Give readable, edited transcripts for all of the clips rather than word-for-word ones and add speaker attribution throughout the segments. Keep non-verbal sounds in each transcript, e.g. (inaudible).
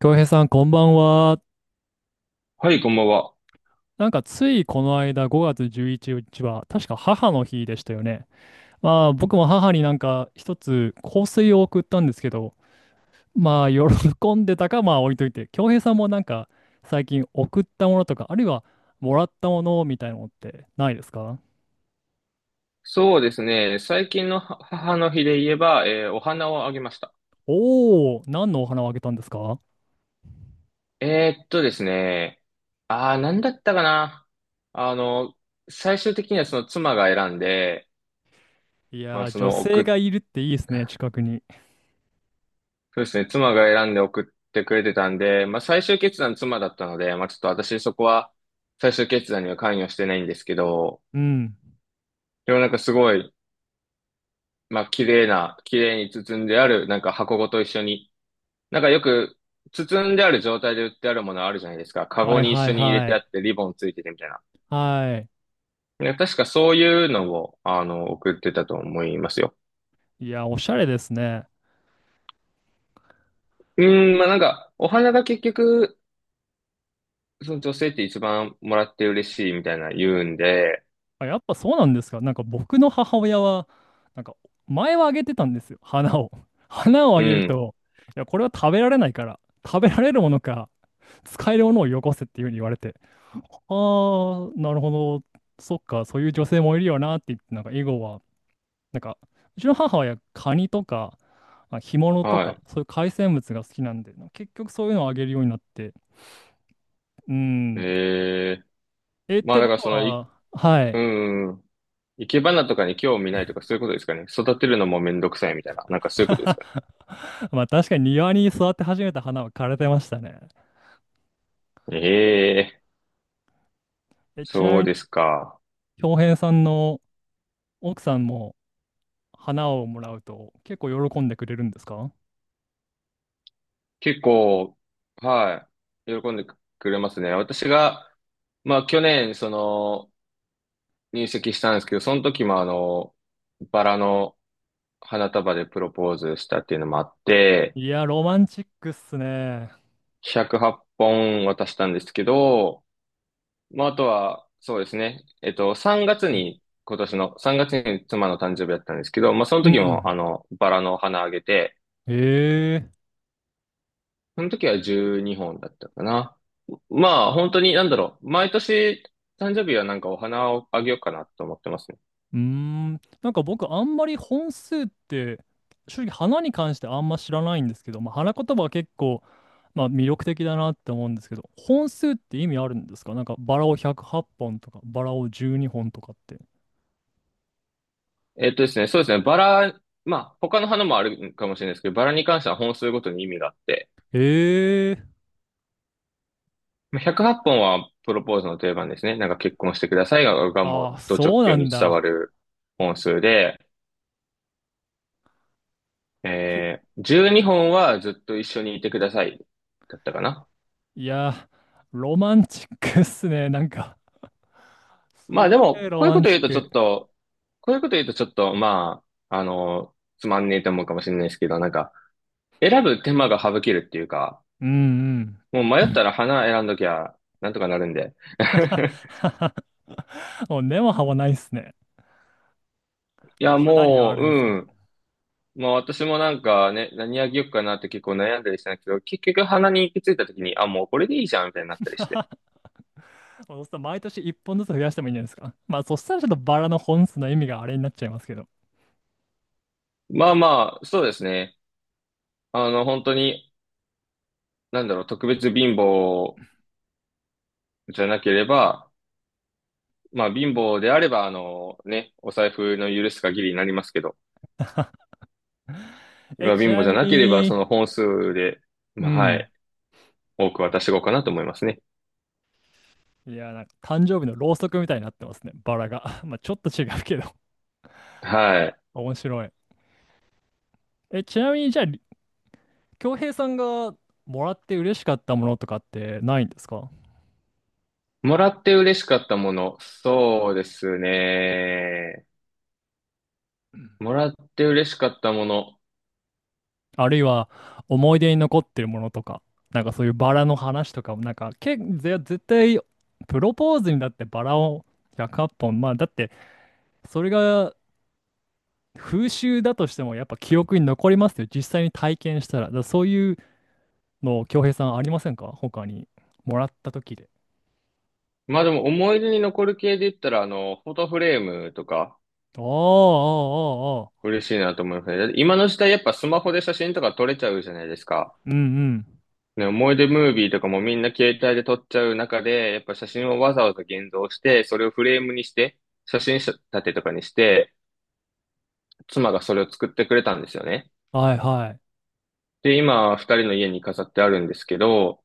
Speaker 1: 京平さん、こんばんは。
Speaker 2: はい、こんばんは。
Speaker 1: なんか、ついこの間、5月11日は、確か母の日でしたよね。まあ、僕も母になんか、一つ香水を送ったんですけど、まあ、喜んでたか、まあ、置いといて、京平さんもなんか、最近送ったものとか、あるいは、もらったものみたいなのってないですか？
Speaker 2: そうですね。最近のは母の日で言えば、お花をあげました。
Speaker 1: おおー、何のお花をあげたんですか？
Speaker 2: ですね。なんだったかな。あの、最終的にはその妻が選んで、
Speaker 1: い
Speaker 2: ま
Speaker 1: や
Speaker 2: あ
Speaker 1: ー、
Speaker 2: そ
Speaker 1: 女
Speaker 2: の送
Speaker 1: 性
Speaker 2: っ、
Speaker 1: がいるっていいですね、近くに。
Speaker 2: そうですね。妻が選んで送ってくれてたんで、まあ最終決断妻だったので、まあちょっと私そこは最終決断には関与してないんですけど、
Speaker 1: うん。
Speaker 2: でもなんかすごい、まあ綺麗な、綺麗に包んである、なんか箱ごと一緒に、なんかよく、包んである状態で売ってあるものあるじゃないですか。カ
Speaker 1: は
Speaker 2: ゴ
Speaker 1: い
Speaker 2: に一
Speaker 1: は
Speaker 2: 緒
Speaker 1: い
Speaker 2: に入れ
Speaker 1: は
Speaker 2: てあ
Speaker 1: い。
Speaker 2: ってリボンついててみたいな。
Speaker 1: は
Speaker 2: ね、確かそういうのを、送ってたと思いますよ。
Speaker 1: い。いや、おしゃれですね。
Speaker 2: うーん、まあ、なんか、お花が結局、その女性って一番もらって嬉しいみたいな言うんで、
Speaker 1: あ、やっぱそうなんですか？なんか僕の母親は、なんか前はあげてたんですよ。花を。(laughs) 花をあ
Speaker 2: う
Speaker 1: げる
Speaker 2: ん、
Speaker 1: と、いや、これは食べられないから、食べられるものか、使えるものをよこせっていうふうに言われて、ああ、なるほど。そっか、そういう女性もいるよなって言って、なんか以後は、なんか、うちの母親、カニとか、まあ干物と
Speaker 2: は
Speaker 1: か、
Speaker 2: い。
Speaker 1: そういう海鮮物が好きなんで、結局そういうのをあげるようになって、うん。
Speaker 2: ええ、
Speaker 1: え、っ
Speaker 2: ま
Speaker 1: て
Speaker 2: あだ
Speaker 1: こ
Speaker 2: から
Speaker 1: と
Speaker 2: その、
Speaker 1: は、は
Speaker 2: う
Speaker 1: い。
Speaker 2: ん、生け花とかに興味ないとかそういうことですかね。育てるのもめんどくさいみたいな、なんかそういうことです
Speaker 1: (laughs)
Speaker 2: か
Speaker 1: まあ確かに庭に育て始めた花は枯れてましたね。
Speaker 2: ね。ええ、
Speaker 1: え、ちな
Speaker 2: そ
Speaker 1: み
Speaker 2: う
Speaker 1: に、
Speaker 2: ですか。
Speaker 1: 恭平さんの奥さんも花をもらうと結構喜んでくれるんですか？
Speaker 2: 結構、はい、喜んでくれますね。私が、まあ去年、その、入籍したんですけど、その時もバラの花束でプロポーズしたっていうのもあって、
Speaker 1: いや、ロマンチックっすね。
Speaker 2: 108本渡したんですけど、まああとは、そうですね、3月に、今年の3月に妻の誕生日だったんですけど、まあその
Speaker 1: う
Speaker 2: 時も
Speaker 1: ん。
Speaker 2: バラの花あげて、
Speaker 1: へえ。
Speaker 2: その時は12本だったかな。まあ、本当に、なんだろう。毎年、誕生日はなんかお花をあげようかなと思ってますね。
Speaker 1: うーん。なんか僕、あんまり本数って、正直花に関してあんま知らないんですけど、まあ、花言葉は結構、まあ、魅力的だなって思うんですけど、本数って意味あるんですか？なんかバラを108本とか、バラを12本とかって。
Speaker 2: そうですね、バラ、まあ、他の花もあるかもしれないですけど、バラに関しては本数ごとに意味があって、
Speaker 1: ええ。
Speaker 2: まあ108本はっぽんはプロポーズの定番ですね。なんか結婚してくださいが、もう、
Speaker 1: ああ、
Speaker 2: ド直
Speaker 1: そう
Speaker 2: 球
Speaker 1: な
Speaker 2: に
Speaker 1: ん
Speaker 2: 伝わ
Speaker 1: だ。
Speaker 2: る本数で、
Speaker 1: す
Speaker 2: 12本はずっと一緒にいてください。だったかな。
Speaker 1: いや、ロマンチックっすね。(laughs) なんか、
Speaker 2: まあ
Speaker 1: すげ
Speaker 2: でも、
Speaker 1: えロ
Speaker 2: こういう
Speaker 1: マ
Speaker 2: こ
Speaker 1: ン
Speaker 2: と
Speaker 1: チ
Speaker 2: 言
Speaker 1: ッ
Speaker 2: うとちょ
Speaker 1: ク。
Speaker 2: っと、こういうこと言うとちょっと、まあ、つまんねえと思うかもしれないですけど、なんか、選ぶ手間が省けるっていうか、
Speaker 1: うん
Speaker 2: もう迷
Speaker 1: う
Speaker 2: っ
Speaker 1: ん。
Speaker 2: たら花選んどきゃ、なんとかなるんで。(laughs)
Speaker 1: (laughs) もう根も葉もないっすね。
Speaker 2: い
Speaker 1: まあ、
Speaker 2: や、
Speaker 1: 花にはあ
Speaker 2: もう、
Speaker 1: るんですけ
Speaker 2: う
Speaker 1: ど。
Speaker 2: ん。まあ私もなんかね、何あげようかなって結構悩んだりしたんですけど、結局花に行き着いた時に、あ、もうこれでいいじゃん、みたいになったりして。
Speaker 1: そうすると毎年1本ずつ増やしてもいいんじゃないですか？まあ、そしたらちょっとバラの本数の意味があれになっちゃいますけど。
Speaker 2: まあまあ、そうですね。本当に、なんだろう、特別貧乏じゃなければ、まあ、貧乏であれば、ね、お財布の許す限りになりますけど、
Speaker 1: (laughs)
Speaker 2: ま
Speaker 1: え、
Speaker 2: あ、
Speaker 1: ち
Speaker 2: 貧乏
Speaker 1: な
Speaker 2: じゃ
Speaker 1: み
Speaker 2: なければ、そ
Speaker 1: に、
Speaker 2: の本数で、
Speaker 1: う
Speaker 2: まあ、は
Speaker 1: ん。
Speaker 2: い、多く渡していこうかなと思いますね。
Speaker 1: いや、なんか誕生日のろうそくみたいになってますね。バラが。(laughs) まあ、ちょっと違うけど、
Speaker 2: はい。
Speaker 1: (laughs) 面白い。え、ちなみに、じゃあ、恭平さんがもらって嬉しかったものとかってないんですか？
Speaker 2: もらって嬉しかったもの。そうですね。もらって嬉しかったもの。
Speaker 1: あるいは思い出に残ってるものとか、なんかそういうバラの話とかも、なんか絶対プロポーズにだってバラを100本、まあだってそれが風習だとしてもやっぱ記憶に残りますよ。実際に体験したら。だからそういうの、恭平さんありませんか他に？もらった時で。
Speaker 2: まあでも思い出に残る系で言ったら、フォトフレームとか
Speaker 1: ああ、ああ、ああ。
Speaker 2: 嬉しいなと思いますね。だって今の時代やっぱスマホで写真とか撮れちゃうじゃないですか。
Speaker 1: うんうん。
Speaker 2: ね、思い出ムービーとかもみんな携帯で撮っちゃう中で、やっぱ写真をわざわざ現像して、それをフレームにして、写真立てとかにして、妻がそれを作ってくれたんですよね。
Speaker 1: はいはい。
Speaker 2: で、今、二人の家に飾ってあるんですけど、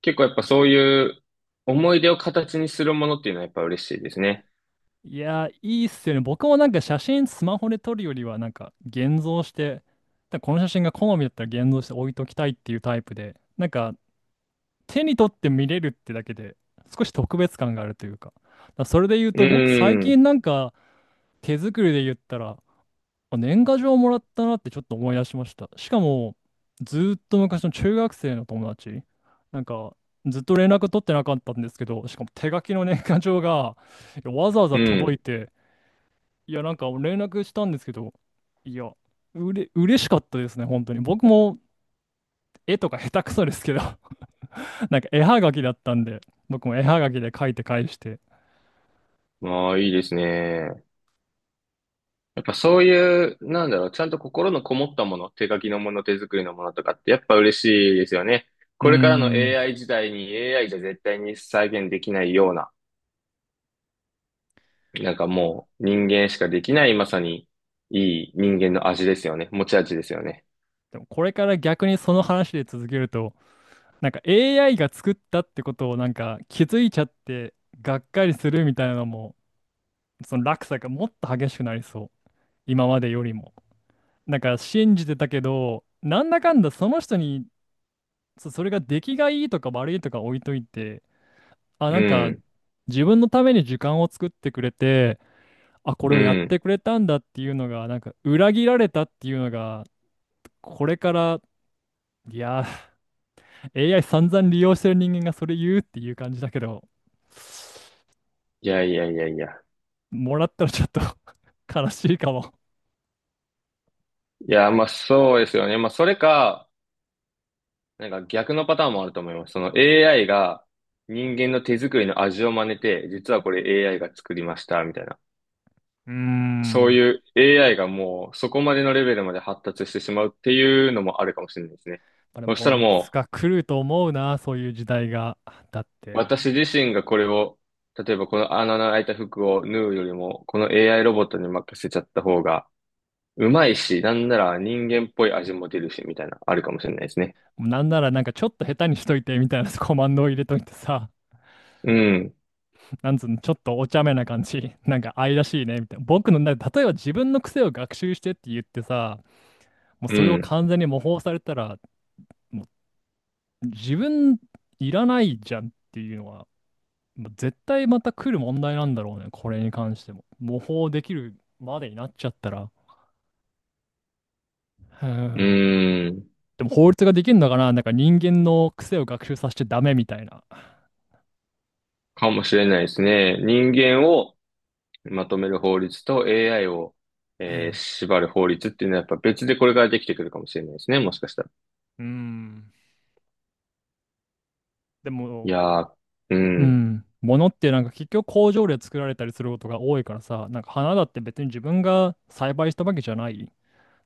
Speaker 2: 結構やっぱそういう思い出を形にするものっていうのはやっぱ嬉しいですね。
Speaker 1: いやー、いいっすよね。僕もなんか写真スマホで撮るよりは、なんか現像して、だからこの写真が好みだったら現像して置いときたいっていうタイプで、なんか手に取って見れるってだけで、少し特別感があるというか。だからそれで言う
Speaker 2: う
Speaker 1: と、僕最
Speaker 2: ん、
Speaker 1: 近なんか手作りで言ったら、あ、年賀状もらったなってちょっと思い出しました。しかも、ずーっと昔の中学生の友達、なんかずっと連絡取ってなかったんですけど、しかも手書きの年賀状がいやわざわ
Speaker 2: う
Speaker 1: ざ届い
Speaker 2: ん。
Speaker 1: て、いや、なんか連絡したんですけど、いや、嬉しかったですね、本当に。僕も絵とか下手くそですけど (laughs) なんか絵はがきだったんで、僕も絵はがきで書いて返して。
Speaker 2: まあ、いいですね。やっぱそういう、なんだろう、ちゃんと心のこもったもの、手書きのもの、手作りのものとかってやっぱ嬉しいですよね。
Speaker 1: うー
Speaker 2: これからの
Speaker 1: ん。
Speaker 2: AI 時代に AI じゃ絶対に再現できないような、なんかもう人間しかできないまさにいい人間の味ですよね。持ち味ですよね。
Speaker 1: でもこれから逆にその話で続けると、なんか AI が作ったってことをなんか気づいちゃってがっかりするみたいなのも、その落差がもっと激しくなりそう。今までよりも。なんか信じてたけど、なんだかんだその人に、それが出来がいいとか悪いとか置いといて、あ、
Speaker 2: う
Speaker 1: なんか、
Speaker 2: ん、
Speaker 1: 自分のために時間を作ってくれて、あ、これ
Speaker 2: う
Speaker 1: をやっ
Speaker 2: ん。
Speaker 1: てくれたんだっていうのが、なんか、裏切られたっていうのが、これから、いやー、AI 散々利用してる人間がそれ言うっていう感じだけど、
Speaker 2: いやいやいやいや。
Speaker 1: もらったらちょっと (laughs) 悲しいかも。
Speaker 2: いや、まあそうですよね。まあそれか、なんか逆のパターンもあると思います。その AI が人間の手作りの味を真似て、実はこれ AI が作りました、みたいな。
Speaker 1: うー
Speaker 2: そう
Speaker 1: ん。ま
Speaker 2: いう AI がもうそこまでのレベルまで発達してしまうっていうのもあるかもしれないですね。
Speaker 1: あで
Speaker 2: そした
Speaker 1: も、
Speaker 2: ら
Speaker 1: いつ
Speaker 2: も
Speaker 1: か来ると思うな、そういう時代が。だっ
Speaker 2: う
Speaker 1: て、
Speaker 2: 私自身がこれを、例えばこの穴の開いた服を縫うよりも、この AI ロボットに任せちゃった方がうまいし、なんなら人間っぽい味も出るし、みたいな、あるかもしれないですね。
Speaker 1: なんならなんかちょっと下手にしといてみたいなコマンドを入れといてさ、
Speaker 2: うん、
Speaker 1: なんつうの、ちょっとお茶目な感じ。(laughs) なんか愛らしいね、みたいな。僕の、例えば自分の癖を学習してって言ってさ、もう
Speaker 2: う
Speaker 1: それを
Speaker 2: ん、
Speaker 1: 完全に模倣されたら、もう自分いらないじゃんっていうのは、もう絶対また来る問題なんだろうね、これに関しても。模倣できるまでになっちゃったら。へ
Speaker 2: う
Speaker 1: ー。
Speaker 2: ん、
Speaker 1: でも法律ができるのかな、なんか人間の癖を学習させちゃダメみたいな。
Speaker 2: かもしれないですね。人間をまとめる法律と AI を、
Speaker 1: うん。
Speaker 2: 縛る法律っていうのはやっぱ別でこれからできてくるかもしれないですね、もしかしたら。
Speaker 1: うん。で
Speaker 2: い
Speaker 1: も、
Speaker 2: やー、う
Speaker 1: う
Speaker 2: ん、
Speaker 1: ん。物ってなんか結局工場で作られたりすることが多いからさ、なんか花だって別に自分が栽培したわけじゃない。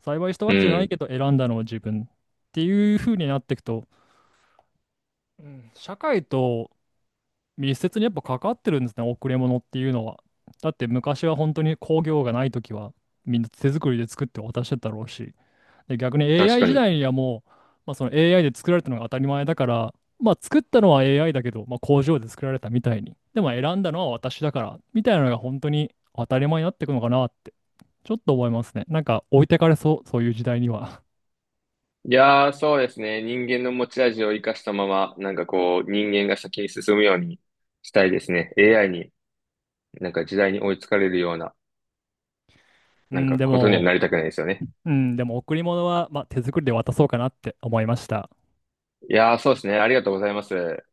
Speaker 1: 栽培した
Speaker 2: う
Speaker 1: わけじゃない
Speaker 2: ん、
Speaker 1: けど選んだのは自分っていう風になっていくと、うん、社会と密接にやっぱ関わってるんですね、贈り物っていうのは。だって昔は本当に工業がない時はみんな手作りで作って渡してたろうし。で、逆に
Speaker 2: 確
Speaker 1: AI
Speaker 2: か
Speaker 1: 時
Speaker 2: に。
Speaker 1: 代にはもう、まあ、その AI で作られたのが当たり前だから、まあ、作ったのは AI だけど、まあ、工場で作られたみたいに。でも選んだのは私だから、みたいなのが本当に当たり前になっていくのかなって、ちょっと思いますね。なんか置いてかれそう、そういう時代には。
Speaker 2: いやー、そうですね。人間の持ち味を生かしたまま、なんかこう、人間が先に進むようにしたいですね。AI に、なんか時代に追いつかれるような、
Speaker 1: (laughs) う
Speaker 2: なん
Speaker 1: ん、
Speaker 2: か
Speaker 1: で
Speaker 2: ことには
Speaker 1: も、
Speaker 2: なりたくないですよね。
Speaker 1: うん、でも贈り物は、まあ、手作りで渡そうかなって思いました。
Speaker 2: いやー、そうですね。ありがとうございます。